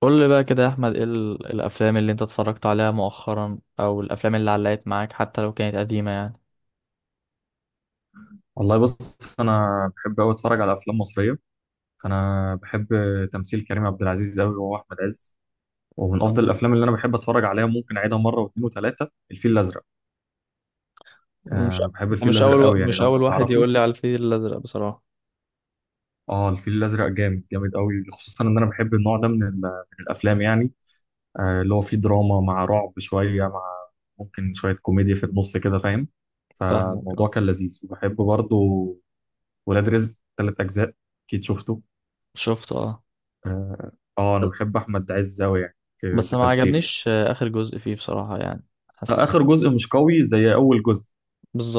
قول لي بقى كده يا احمد، ايه الافلام اللي انت اتفرجت عليها مؤخرا او الافلام اللي علقت معاك حتى لو كانت قديمة يعني؟ والله بص، انا بحب قوي اتفرج على افلام مصريه. فانا بحب تمثيل كريم عبد العزيز قوي، وهو احمد عز. ومن افضل الافلام اللي انا بحب اتفرج عليها ممكن اعيدها مره واثنين وثلاثه، الفيل الازرق. مش آه، انا بحب انت الفيل الازرق قوي يعني، مش لو اول انت واحد تعرفه. يقول لي على الفيل الازرق بصراحه. اه، الفيل الازرق جامد جامد قوي، خصوصا ان انا بحب النوع ده من الافلام يعني. اللي هو فيه دراما مع رعب شويه، مع ممكن شويه كوميديا في النص كده، فاهم. فاهمك، فالموضوع اه. كان لذيذ، وبحب برضه. ولاد رزق ثلاث اجزاء، اكيد شفته. شفت، اه. اه. انا بحب احمد عز قوي يعني في بس في ما تمثيله. عجبنيش اخر جزء فيه بصراحة يعني. حسيت. اخر جزء مش قوي زي اول جزء.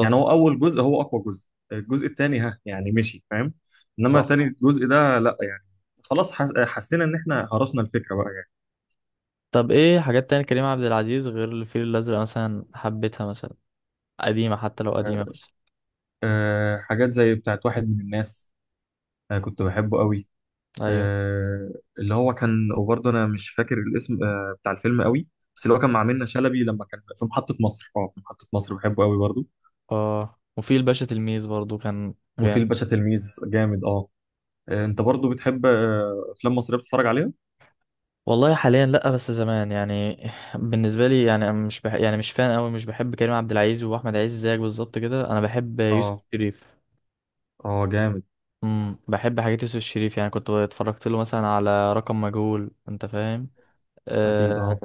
يعني هو اول جزء هو اقوى جزء. الجزء الثاني ها يعني مشي، فاهم. انما صح. تاني جزء ده لا يعني. خلاص حسينا ان احنا هرسنا الفكره بقى يعني. طب ايه حاجات تانية كريم عبد العزيز غير الفيل الازرق مثلا حبيتها مثلا؟ قديمة، حتى لو آه، قديمة مثلا. حاجات زي بتاعت واحد من الناس. كنت بحبه قوي. ايوه. آه، اللي هو كان، وبرضه انا مش فاكر الاسم، بتاع الفيلم قوي. بس اللي هو كان مع منة شلبي لما كان في محطة مصر، في محطة مصر بحبه قوي برضه. اه، وفي الباشا تلميذ برضو كان وفي جامد. الباشا تلميذ، جامد اه. انت برضو بتحب افلام مصريه بتتفرج عليها؟ والله حاليا لا، بس زمان يعني. بالنسبه لي يعني انا مش بح... يعني مش فان قوي، مش بحب كريم عبد العزيز واحمد عز زيك بالظبط كده. انا بحب يوسف اه شريف. اه، جامد. بحب حاجات يوسف شريف، يعني كنت اتفرجت له مثلا على رقم مجهول، انت فاهم. اكيد آه... اه.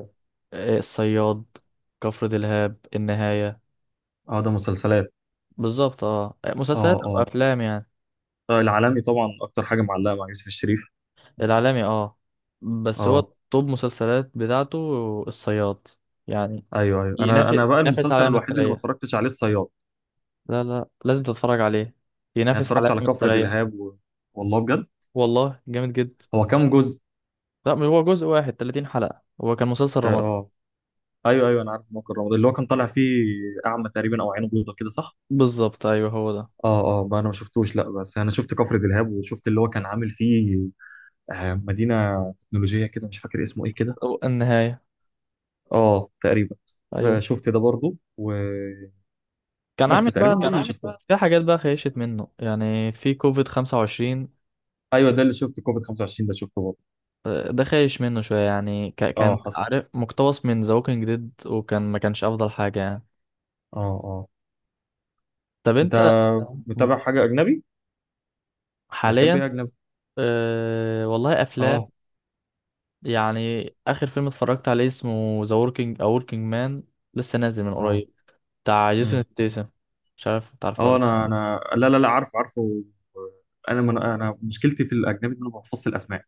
الصياد، كفر دلهاب، النهايه. اه، ده مسلسلات. بالظبط، اه، اه مسلسلات او اه. افلام يعني. العالمي طبعا اكتر حاجه معلقه مع يوسف الشريف. العالمي، اه. بس هو اه. توب مسلسلات بتاعته الصياد يعني. ايوه ايوه، انا ينافس انا بقى ينافس المسلسل عليها الوحيد اللي ما مثلية. اتفرجتش عليه الصياد. لا لا، لازم تتفرج عليه. يعني ينافس على اتفرجت على عالم كفر التريح. دلهاب والله بجد. والله جامد جدا. هو كام جزء؟ لا، مش هو جزء واحد، 30 حلقة، هو كان مسلسل رمضان. اه. ايوه ايوه، انا عارف موقع رمضان اللي هو كان طالع فيه. اعمى تقريبا او عينه بيضه كده، صح. بالظبط، ايوه، هو ده. اه اه، بقى انا ما شفتوش لا، بس انا شفت كفر دلهاب وشفت اللي هو كان عامل فيه مدينه تكنولوجيه كده، مش فاكر اسمه ايه كده. أو النهاية. اه تقريبا. ايوه. شفت ده برضو كان بس عامل تقريبا دول كان بقى. اللي عامل شفتهم بقى. في حاجات بقى خيشت منه يعني، في كوفيد 25. ايوه، ده اللي شفت، كوفيد 25 ده شفته برضو. ده خايش منه شوية يعني، اه كان حصل. عارف مقتبس من ذا ووكينج ديد، وكان ما كانش افضل حاجة يعني. اه. اه، طب انت انت متابع حاجه اجنبي؟ بتحب حاليا؟ ايه اجنبي؟ أه والله، افلام. اه. يعني اخر فيلم اتفرجت عليه اسمه ذا وركينج او وركينج مان، لسه نازل من اه. قريب، بتاع جيسون امم. ستيسن. مش عارف تعرفه اه، ولا لا. انا لا لا لا، عارف عارفه. انا مشكلتي في الاجنبي ان انا ما بحفظش الاسماء.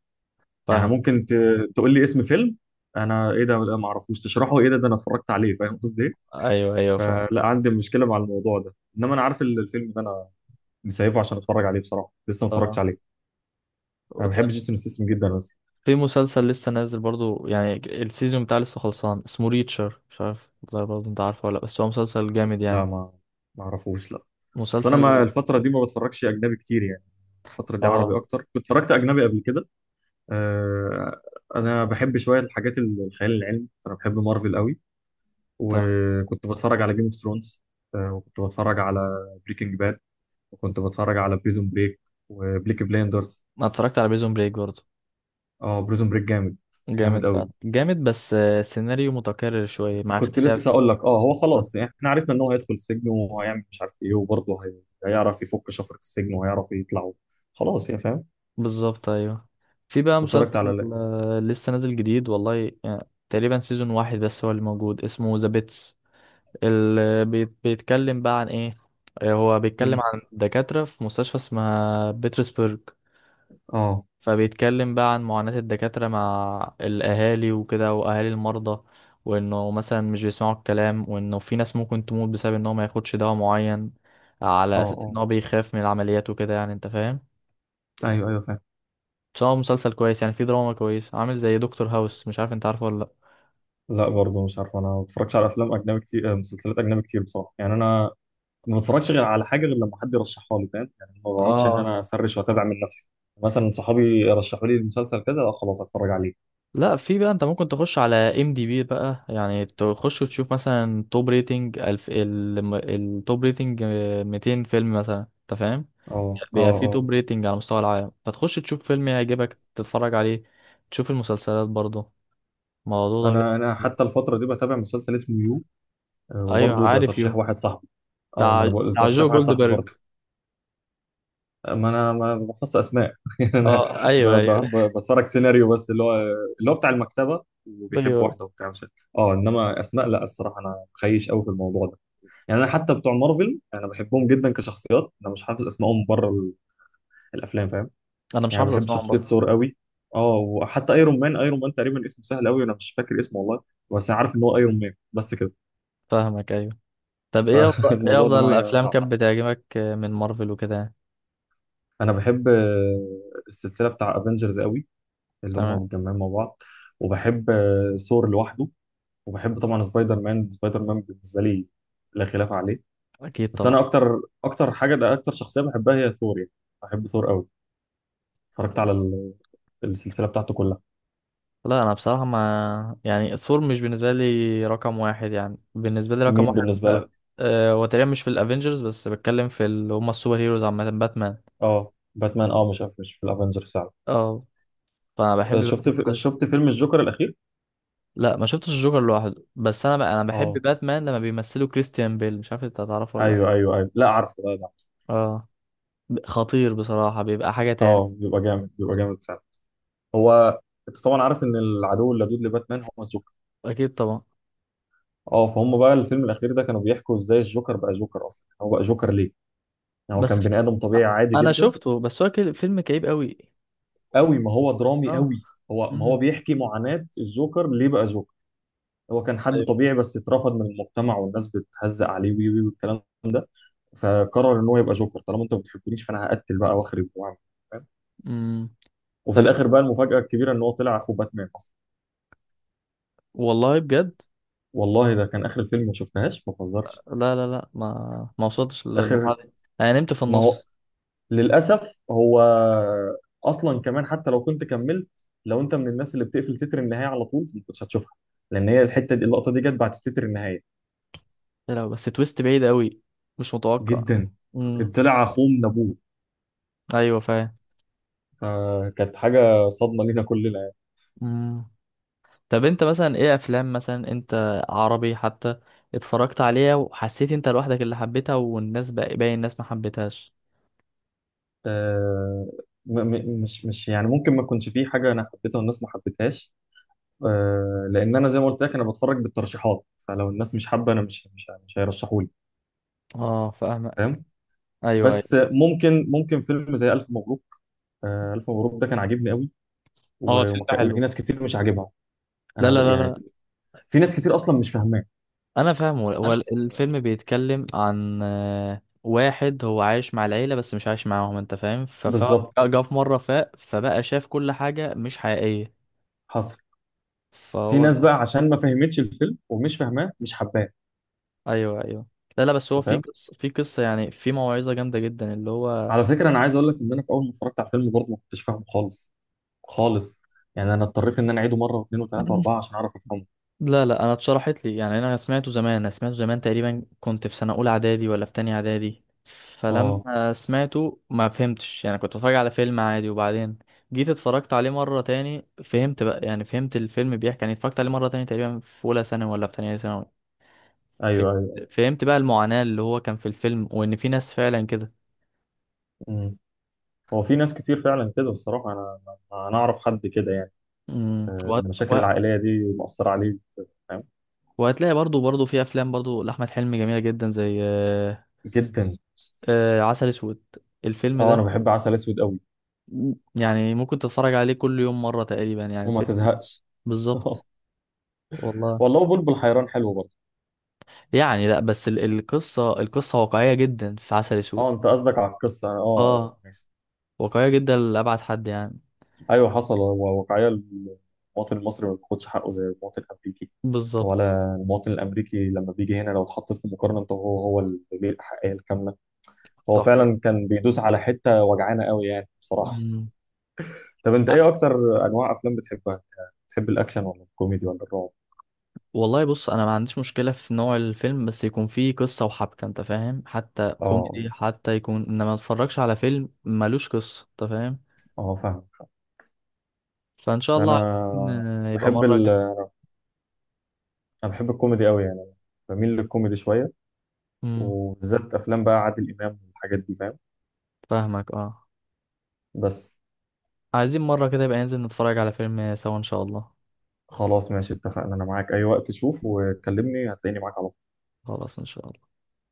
يعني فاهم. ممكن تقول لي اسم فيلم، انا ايه ده، لا ما اعرفوش، تشرحه ايه ده انا اتفرجت عليه، فاهم قصدي ايه؟ ايوه ايوه فاهم. فلا عندي مشكله مع الموضوع ده، انما انا عارف الفيلم ده، انا مسيبه عشان اتفرج عليه بصراحه، لسه ما اتفرجتش اه عليه. انا وت- بحب جيسون ستاثام جدا اصلا. في مسلسل لسه نازل برضو يعني، السيزون بتاعه لسه خلصان، اسمه ريتشر، مش عارف والله برضو انت عارفه ولا لأ، بس هو مسلسل جامد لا، يعني. ما اعرفوش لا. اصل انا، ما مسلسل. الفتره دي ما بتفرجش اجنبي كتير يعني، الفتره دي عربي اه. اكتر، كنت اتفرجت اجنبي قبل كده. آه انا بحب شويه الحاجات الخيال العلمي، انا بحب مارفل قوي. تمام. وكنت بتفرج على جيم اوف ثرونز. وكنت بتفرج على بريكنج باد، وكنت بتفرج على بريزون بريك، وبليك بلايندرز. انا اتفرجت على بريزون بريك برضو. اه، بريزون بريك جامد، جامد جامد فعلا، قوي. جامد، بس سيناريو متكرر شوية مع كنت لسه اختلاف. اقول لك، هو خلاص يعني احنا عرفنا ان هو هيدخل السجن وهيعمل مش عارف ايه، وبرضه هيعرف يفك شفرة السجن وهيعرف يطلع. خلاص يا فاهم. بالظبط، ايوه. في بقى واتفرجت على مسلسل لسه نازل جديد والله، يعني تقريبا سيزون واحد بس هو اللي موجود، اسمه ذا بيتس. اللي بيتكلم بقى عن ايه؟ هو بيتكلم امم. عن دكاترة في مستشفى اسمها بيترسبرج. اه فبيتكلم بقى عن معاناة الدكاترة مع الأهالي وكده، وأهالي المرضى، وإنه مثلا مش بيسمعوا الكلام، وإنه في ناس ممكن تموت بسبب إن هو ما ياخدش دواء معين على اه أساس إن اه. هو بيخاف من العمليات وكده يعني، أنت فاهم. ايوه ايوه فاهم. بس هو مسلسل كويس يعني، فيه دراما كويس، عامل زي دكتور هاوس، مش عارف انت عارفه ولا لا. لا برضه مش عارف، انا ما بتفرجش على افلام اجنبي كتير، مسلسلات اجنبي كتير بصراحه، يعني انا ما بتفرجش غير على حاجه غير لما حد يرشحها لي، فاهم يعني. ما بقعدش ان اه. انا اسرش واتابع من نفسي. مثلا صحابي رشحوا لي المسلسل كذا، اه خلاص اتفرج عليه. لا، في بقى انت ممكن تخش على ام دي بي بقى، يعني تخش وتشوف مثلا توب ريتنج الف التوب ريتنج 200 فيلم مثلا، انت فاهم. اه بيبقى اه فيه اه، توب ريتنج على مستوى العالم، فتخش تشوف فيلم يعجبك تتفرج عليه. تشوف المسلسلات برضه الموضوع ده. انا بي- حتى الفتره دي بتابع مسلسل اسمه يو. ايوه، وبرضه ده عارف ترشيح يو. واحد صاحبي. اه، ما بتاع انا بقول بتاع جو ترشيح واحد صاحبي جولدبرج. برضه. ما انا ما بخص اسماء يعني انا اه، ايوه ايوه بتفرج سيناريو بس، اللي هو اللي هو بتاع المكتبه وبيحب ايوه. واحده وبتاع مش عارف. اه، انما اسماء لا، الصراحه انا خيش قوي في الموضوع ده. يعني انا حتى بتوع مارفل انا بحبهم جدا كشخصيات، انا مش حافظ اسمائهم بره الافلام، فاهم. انا مش يعني حافظ بحب اسمهم شخصيه برضه. ثور قوي. اه، وحتى ايرون مان، ايرون مان تقريبا اسمه سهل قوي، انا مش فاكر اسمه والله. بس انا عارف ان هو ايرون مان بس كده. فاهمك، ايوه. طب ايه افضل ايه فالموضوع ده افضل معايا الافلام صعب. كانت بتعجبك من مارفل وكده يعني؟ انا بحب السلسله بتاع افنجرز قوي، اللي هم تمام. متجمعين مع بعض. وبحب ثور لوحده. وبحب طبعا سبايدر مان، سبايدر مان بالنسبه لي لا خلاف عليه. اكيد بس طبعا. انا اكتر، اكتر حاجه، ده اكتر شخصيه بحبها هي ثور يعني. بحب ثور قوي. اتفرجت على السلسله بتاعته كلها. لا انا بصراحه ما يعني، ثور مش بالنسبه لي رقم واحد، يعني بالنسبه لي مين رقم واحد بالنسبه بقى لك؟ أه، وتقريبا مش في الافينجرز بس، بتكلم في اللي هم السوبر هيروز عامه، باتمان. اه باتمان، اه مش في الافنجرز فعلا. اه. فانا بحب باتمان فشخ. شفت فيلم الجوكر الاخير. لا ما شفتش الجوكر لوحده، بس انا بقى انا بحب اه، باتمان لما بيمثله كريستيان بيل، مش عارف انت هتعرفه ولا لا. ايوه ايوه ايوه، لا عارفه لا لا. اه. خطير بصراحه، بيبقى حاجه اه، تاني. بيبقى جامد، بيبقى جامد فعلا. هو، انت طبعا عارف ان العدو اللدود لباتمان هو الجوكر. اكيد طبعا. اه، فهم بقى الفيلم الاخير ده كانوا بيحكوا ازاي الجوكر بقى جوكر اصلا، هو بقى جوكر ليه. يعني هو بس كان بني ادم طبيعي عادي انا جدا. شفته، بس هو كده فيلم كئيب قوي. قوي، ما هو درامي اه. قوي، هو ما هو امم. بيحكي معاناة الجوكر ليه بقى جوكر. هو كان حد ايوه. طبيعي بس اترفض من المجتمع والناس بتهزق عليه وي وي والكلام ده. فقرر ان هو يبقى جوكر، طالما انتوا ما بتحبونيش فانا هقتل بقى، واخرب، واعمل. فاهم؟ امم. وفي طب انت، الاخر بقى المفاجأة الكبيرة ان هو طلع اخو باتمان اصلا. والله بجد. والله ده كان اخر الفيلم، ما شفتهاش ما بهزرش. لا لا لا، ما وصلتش للمرحله اخر، دي. انا نمت في ما هو النص. للأسف هو أصلا كمان، حتى لو كنت كملت، لو أنت من الناس اللي بتقفل تتر النهاية على طول ما كنتش هتشوفها، لأن هي الحتة دي، اللقطة دي جت بعد تتر النهاية. يا لهوي، بس تويست بعيد قوي، مش متوقع. جدا. امم. طلع أخوه من أبوه. ايوه فاهم. فكانت حاجة صدمة لينا كلنا يعني. امم. طب انت مثلا ايه افلام مثلا، انت عربي حتى، اتفرجت عليها وحسيت انت لوحدك اللي حبيتها والناس بقى، باقي الناس ما حبيتهاش؟ آه، مش يعني ممكن ما يكونش فيه حاجة أنا حبيتها والناس ما حبيتهاش. لأن أنا زي ما قلت لك أنا بتفرج بالترشيحات، فلو الناس مش حابة أنا مش هيرشحوا لي اه فاهمك. فاهم. ايوه بس ايوه. ممكن فيلم زي ألف مبروك. ألف مبروك ده كان عاجبني قوي، اه الفيلم ده وفي حلو. ناس كتير مش عاجبها. لا انا لا يعني، لا. في ناس كتير اصلا مش فاهماه. انا فاهمه، هو الفيلم بيتكلم عن واحد هو عايش مع العيلة بس مش عايش معاهم، انت فاهم، بالظبط. فجا في مرة فاق، فبقى شاف كل حاجة مش حقيقية. حصل. في فهو. ناس بقى عشان ما فهمتش الفيلم، ومش فاهماه مش حباه. ايوه ايوه. لا لا، بس هو أنت في فاهم. قصة في قصة يعني، في موعظة جامدة جدا اللي هو. على فكره انا عايز اقول لك ان انا في اول ما اتفرجت على الفيلم برضه ما كنتش فاهمه خالص، خالص. يعني انا اضطريت ان انا اعيده مره واثنين وثلاثه واربعه عشان اعرف افهمه. لا لا، انا اتشرحت لي يعني. انا سمعته زمان، انا سمعته زمان تقريبا، كنت في سنه اولى اعدادي ولا في تانية اعدادي، اه فلما سمعته ما فهمتش يعني، كنت بتفرج على فيلم عادي. وبعدين جيت اتفرجت عليه مره تاني فهمت بقى، يعني فهمت الفيلم بيحكي يعني، اتفرجت عليه مره تاني تقريبا في اولى ثانوي ولا في تانية ثانوي، ايوه ايوه. فهمت بقى المعاناه اللي هو كان في الفيلم، وان في ناس فعلا كده. أمم. هو في ناس كتير فعلا كده، الصراحه انا، أنا اعرف حد كده يعني. امم وهت- المشاكل وه- العائليه دي مؤثره عليه، فاهم. وهتلاقي برضو في افلام برضو لاحمد حلمي جميله جدا، زي جدا. عسل اسود. الفيلم اه، انا ده بحب عسل اسود قوي. يعني ممكن تتفرج عليه كل يوم مرة تقريبا يعني وما الفيلم ده. تزهقش. بالظبط. والله. والله بلبل حيران حلو برضه. يعني لا، بس القصة واقعية جدا في عسل اه، اسود. انت قصدك على القصه، اه، اه. ماشي. واقعية جدا لأبعد حد يعني. ايوه حصل، هو واقعيه المواطن المصري ما بياخدش حقه زي المواطن الامريكي. بالظبط. ولا المواطن الامريكي لما بيجي هنا لو اتحط في مقارنه، هو اللي ليه الاحقيه الكامله. هو صح كده. فعلا كان بيدوس على حته وجعانه قوي يعني بصراحه. مم. طب انت ايه اكتر انواع افلام بتحبها؟ بتحب الاكشن ولا الكوميدي ولا الرعب؟ والله بص، انا ما عنديش مشكله في نوع الفيلم، بس يكون فيه قصه وحبكه، انت فاهم، حتى اه كوميدي اه حتى يكون، انما ما اتفرجش على فيلم ملوش قصه، انت فاهم. اه، فاهمك فاهمك. فان شاء انا الله عايزين، آه، يبقى بحب مره ال... كده. انا بحب الكوميدي قوي يعني، بميل للكوميدي شويه. امم. وبالذات افلام بقى عادل امام والحاجات دي، فاهم. فاهمك اه. بس، عايزين مرة كده يبقى ننزل نتفرج على فيلم سوا إن شاء الله. خلاص ماشي اتفقنا، انا معاك اي وقت شوف وكلمني، هتلاقيني معاك على خلاص إن شاء الله.